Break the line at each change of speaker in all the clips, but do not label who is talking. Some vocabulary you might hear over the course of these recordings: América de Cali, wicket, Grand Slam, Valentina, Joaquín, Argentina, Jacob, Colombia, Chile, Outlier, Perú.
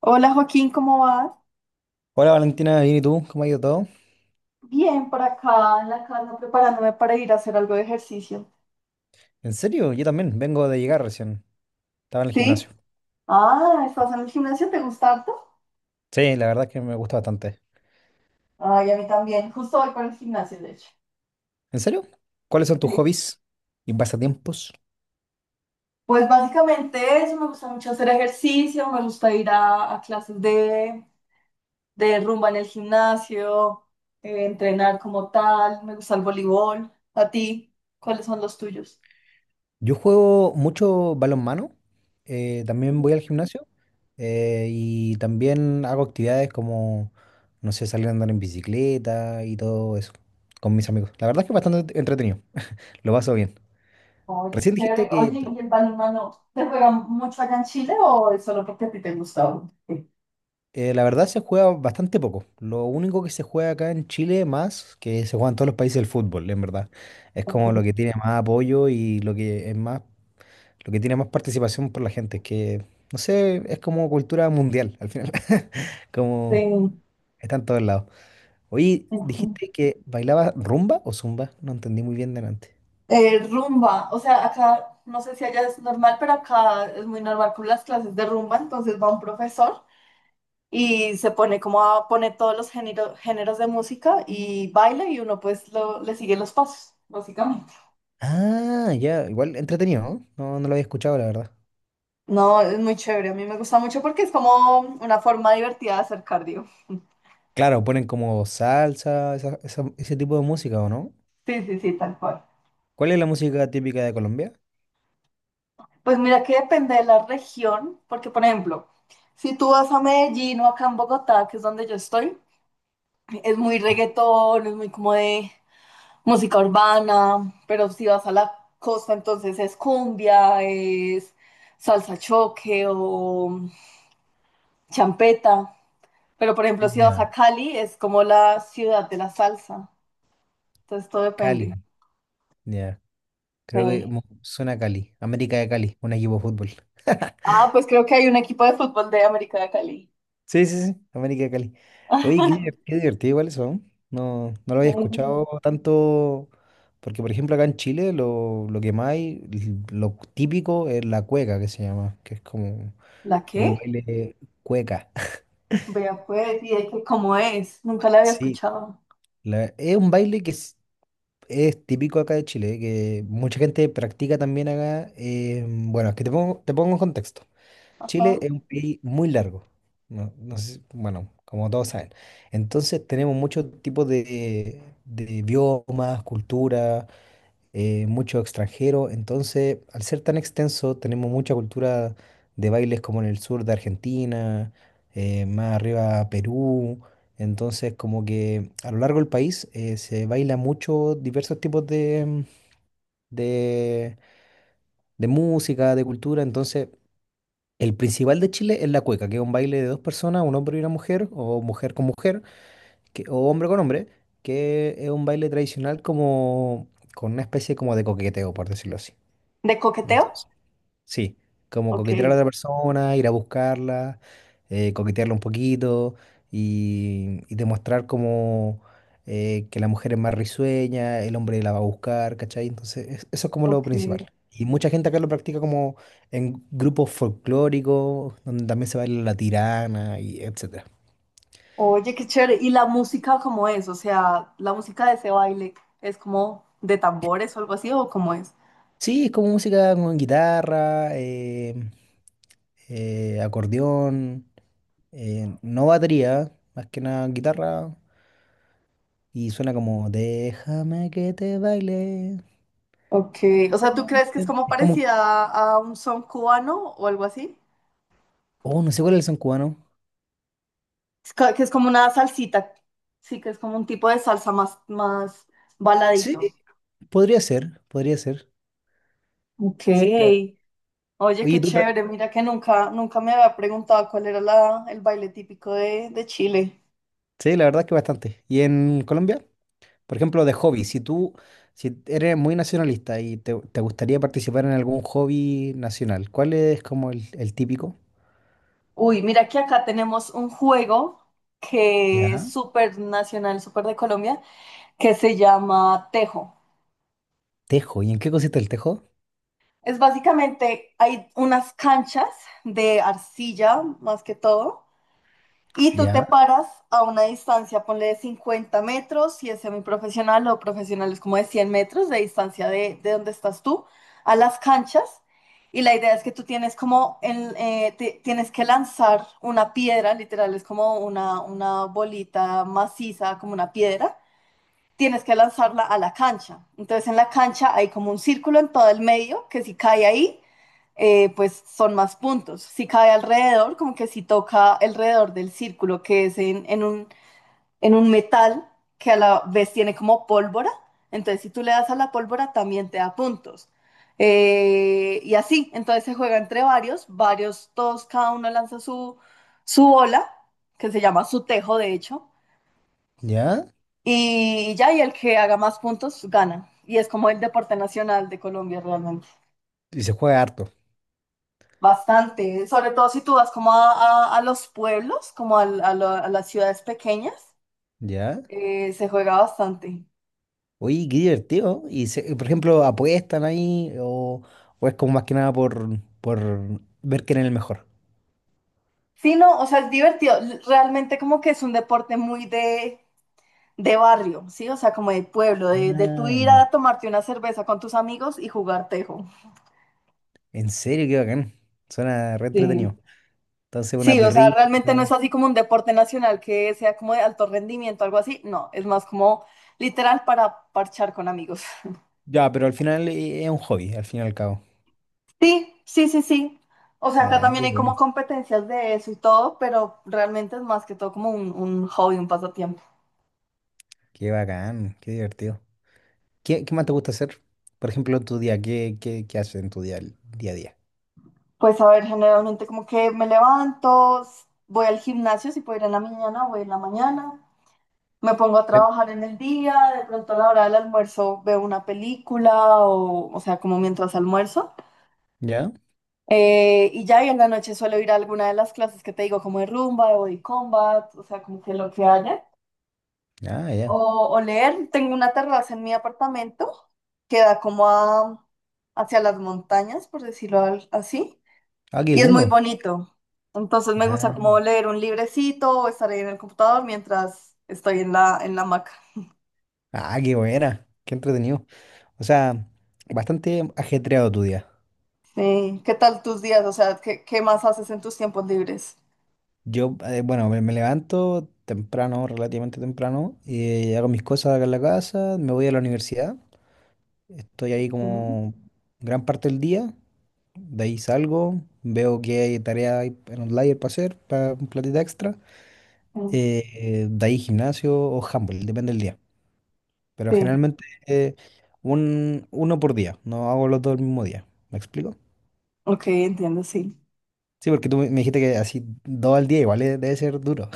Hola Joaquín, ¿cómo vas?
Hola Valentina, bien y tú, ¿cómo ha ido todo?
Bien, por acá en la casa preparándome para ir a hacer algo de ejercicio.
¿En serio? Yo también, vengo de llegar recién. Estaba en el gimnasio.
¿Sí? Ah, ¿estás en el gimnasio? ¿Te gusta harto?
Sí, la verdad es que me gusta bastante.
Ay, a mí también. Justo voy para el gimnasio, de hecho.
¿En serio? ¿Cuáles son tus
Sí.
hobbies y pasatiempos?
Pues básicamente eso, me gusta mucho hacer ejercicio, me gusta ir a clases de rumba en el gimnasio, entrenar como tal, me gusta el voleibol. ¿A ti? ¿Cuáles son los tuyos?
Yo juego mucho balonmano, también voy al gimnasio y también hago actividades como, no sé, salir a andar en bicicleta y todo eso con mis amigos. La verdad es que es bastante entretenido, lo paso bien.
Oye,
Recién dijiste
chévere.
que.
Oye, ¿y el balonmano se juega mucho allá en Chile o es solo porque a ti te gusta? Sí.
La verdad se juega bastante poco. Lo único que se juega acá en Chile más, que se juega en todos los países del fútbol, en verdad. Es
Ok.
como lo que tiene más apoyo y lo que es más, lo que tiene más participación por la gente, que no sé, es como cultura mundial al final. Como
Sí.
está en todos lados. Oye,
Ujú.
dijiste que bailaba rumba o zumba, no entendí muy bien delante.
Rumba, o sea, acá no sé si allá es normal, pero acá es muy normal con las clases de rumba, entonces va un profesor y se pone como a poner todos los géneros de música y baila y uno pues le sigue los pasos, básicamente.
Ah, ya, igual entretenido, ¿no? No, no lo había escuchado, la verdad.
No, es muy chévere, a mí me gusta mucho porque es como una forma divertida de hacer cardio.
Claro, ponen como salsa, ese tipo de música, ¿o no?
Sí, sí, sí, tal cual.
¿Cuál es la música típica de Colombia?
Pues mira que depende de la región, porque por ejemplo, si tú vas a Medellín o acá en Bogotá, que es donde yo estoy, es muy reggaetón, es muy como de música urbana, pero si vas a la costa, entonces es cumbia, es salsa choque o champeta. Pero por ejemplo, si vas a
Ya.
Cali, es como la ciudad de la salsa. Entonces todo depende.
Cali. Ya. Creo que
Sí.
suena a Cali. América de Cali, un equipo de fútbol.
Ah, pues creo que hay un equipo de fútbol de América de Cali.
Sí, sí, sí, América de Cali. Oye, qué divertido igual eso, ¿no? No, no lo había
Sí.
escuchado tanto, porque por ejemplo acá en Chile lo que más hay, lo típico es la cueca que se llama, que es como
¿La
un
qué?
baile cueca.
Vea pues, y de que cómo es, nunca la había
Sí,
escuchado.
es un baile que es típico acá de Chile, que mucha gente practica también acá. Bueno, es que te pongo en contexto.
Ajá.
Chile es un país muy largo. No, no sé, bueno, como todos saben. Entonces tenemos muchos tipos de biomas, culturas, mucho extranjero. Entonces, al ser tan extenso, tenemos mucha cultura de bailes como en el sur de Argentina, más arriba Perú. Entonces, como que a lo largo del país se baila mucho diversos tipos de, de música, de cultura. Entonces, el principal de Chile es la cueca, que es un baile de dos personas, un hombre y una mujer, o mujer con mujer, o hombre con hombre, que es un baile tradicional como con una especie como de coqueteo, por decirlo así.
¿De coqueteo?
Entonces, sí, como
Ok,
coquetear a la otra persona, ir a buscarla, coquetearla un poquito y demostrar como, que la mujer es más risueña, el hombre la va a buscar, ¿cachai? Entonces, eso es como lo
ok.
principal. Y mucha gente acá lo practica como en grupos folclóricos, donde también se baila la tirana y etcétera.
Oye, qué chévere. ¿Y la música cómo es? O sea, la música de ese baile es como de tambores o algo así, ¿o cómo es?
Sí, es como música con guitarra, acordeón, no batería, más que nada guitarra. Y suena como, déjame que te baile.
Ok,
La
o sea, ¿tú crees que es
consciente".
como
Es como,
parecida a un son cubano o algo así?
oh, no sé cuál es el son cubano.
Que es como una salsita, sí, que es como un tipo de salsa más, más
Sí,
baladito.
podría ser, podría ser.
Ok.
Sí, la,
Oye, qué
oye, tú pra-
chévere, mira que nunca, nunca me había preguntado cuál era el baile típico de Chile.
sí, la verdad es que bastante. ¿Y en Colombia? Por ejemplo, de hobby, si eres muy nacionalista y te gustaría participar en algún hobby nacional, ¿cuál es como el típico?
Uy, mira que acá tenemos un juego que es
Ya.
súper nacional, súper de Colombia, que se llama tejo.
Tejo. ¿Y en qué consiste el tejo?
Es básicamente, hay unas canchas de arcilla, más que todo. Y tú te
Ya.
paras a una distancia, ponle de 50 metros, si es semiprofesional o profesional es como de 100 metros de distancia de donde estás tú, a las canchas. Y la idea es que tú tienes como, tienes que lanzar una piedra, literal, es como una bolita maciza, como una piedra, tienes que lanzarla a la cancha. Entonces en la cancha hay como un círculo en todo el medio que si cae ahí, pues son más puntos. Si cae alrededor, como que si toca alrededor del círculo que es en un metal que a la vez tiene como pólvora, entonces si tú le das a la pólvora también te da puntos. Y así, entonces se juega entre varios, varios, todos, cada uno lanza su bola, que se llama su tejo de hecho,
Ya.
y ya, y el que haga más puntos gana. Y es como el deporte nacional de Colombia realmente.
Y se juega harto.
Bastante. Sobre todo si tú vas como a los pueblos, como a las ciudades pequeñas,
Ya.
se juega bastante.
Oye, qué divertido. Por ejemplo, ¿apuestan ahí o es como más que nada por ver quién es el mejor?
Sí, no, o sea, es divertido. L- Realmente como que es un deporte muy de barrio, ¿sí? O sea, como de pueblo, de tú
Ah,
ir
ya.
a tomarte una cerveza con tus amigos y jugar tejo.
En serio, qué bacán. Suena re
Sí.
entretenido. Entonces, una
Sí, o sea,
perrita.
realmente no es así como un deporte nacional que sea como de alto rendimiento, algo así. No, es más como literal para parchar con amigos.
Ya, pero al final, es un hobby, al fin y al cabo.
Sí, sí, sí, sí. O sea, acá
Ah,
también
qué
hay como
bueno.
competencias de eso y todo, pero realmente es más que todo como un hobby, un pasatiempo.
Qué bacán, qué divertido. ¿Qué más te gusta hacer? Por ejemplo, en tu día, ¿qué haces en día a día?
Pues a ver, generalmente como que me levanto, s- voy al gimnasio, si puedo ir en la mañana, voy en la mañana, me pongo a
Sí.
trabajar en el día, de pronto a la hora del almuerzo veo una película o sea, como mientras almuerzo.
¿Ya?
Y ya y en la noche suelo ir a alguna de las clases que te digo, como de rumba, de body combat, o sea, como que lo que haya.
Ah, ya.
O, o leer, tengo una terraza en mi apartamento que da como hacia las montañas, por decirlo así,
Ah, qué
y es muy
lindo.
bonito. Entonces me gusta
Ah,
como leer un librecito o estar ahí en el computador mientras estoy en la hamaca.
ah, qué buena. Qué entretenido. O sea, bastante ajetreado tu día.
Sí. ¿Qué tal tus días? O sea, ¿qué, qué más haces en tus tiempos libres?
Bueno, me levanto temprano, relativamente temprano, y hago mis cosas acá en la casa, me voy a la universidad, estoy ahí
Mm,
como gran parte del día, de ahí salgo, veo que hay tarea ahí en Outlier para hacer, para un platita extra,
mm,
de ahí gimnasio o handball, depende del día. Pero
Sí,
generalmente, uno por día, no hago los dos el mismo día, ¿me explico?
ok, entiendo, sí.
Sí, porque tú me dijiste que así dos al día igual, debe ser duro.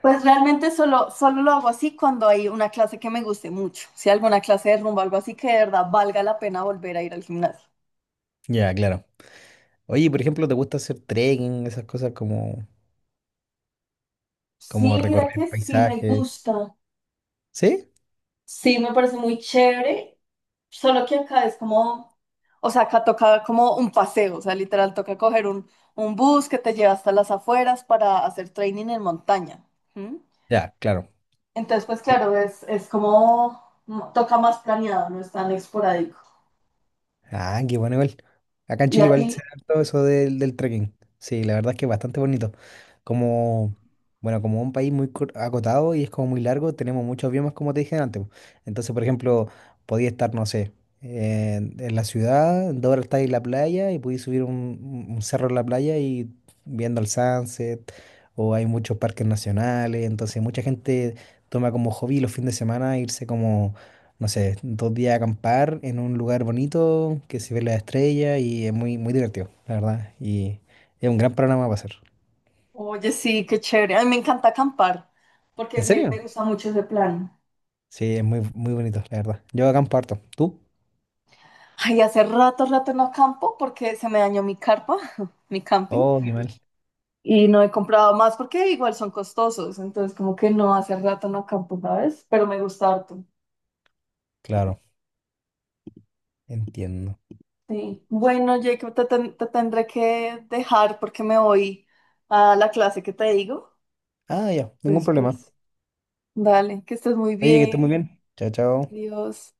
Pues realmente solo, solo lo hago así cuando hay una clase que me guste mucho. Si alguna clase de rumba, algo así que de verdad valga la pena volver a ir al gimnasio.
Ya, claro. Oye, por ejemplo, ¿te gusta hacer trekking, esas cosas como
Sí, mira
recorrer
que sí me
paisajes?
gusta.
¿Sí?
Sí, me parece muy chévere. Solo que acá es como, o sea, acá toca como un paseo, o sea, literal toca coger un bus que te lleva hasta las afueras para hacer training en montaña. ¿Mm?
Ya, claro.
Entonces, pues
Sí.
claro, es como mm, toca más planeado, no es tan esporádico.
Ah, qué bueno igual. Acá en
¿Y
Chile
a
igual
ti?
se da todo eso del trekking. Sí, la verdad es que es bastante bonito. Como, bueno, como un país muy acotado y es como muy largo, tenemos muchos biomas, como te dije antes, po. Entonces, por ejemplo, podía estar, no sé, en la ciudad, en 2 horas estáis en la playa y podéis subir un cerro en la playa y viendo el sunset, o hay muchos parques nacionales, entonces mucha gente toma como hobby los fines de semana irse como. No sé, 2 días a acampar en un lugar bonito que se ve la estrella y es muy, muy divertido, la verdad. Y es un gran programa para hacer.
Oye, sí, qué chévere. A mí me encanta acampar porque
¿En
me
serio?
gusta mucho ese plan.
Sí, es muy, muy bonito, la verdad. Yo acampo harto. ¿Tú?
Ay, hace rato, rato no acampo porque se me dañó mi carpa, mi camping,
Oh, qué mal.
y no he comprado más porque igual son costosos. Entonces, como que no, hace rato no acampo, ¿sabes? Pero me gusta harto.
Claro, entiendo.
Sí. Bueno, Jacob, te tendré que dejar porque me voy a la clase que te digo.
Ah, ya, ningún
Entonces,
problema.
pues, dale, que estés muy
Oye, que estés muy
bien.
bien. Chao, chao.
Dios.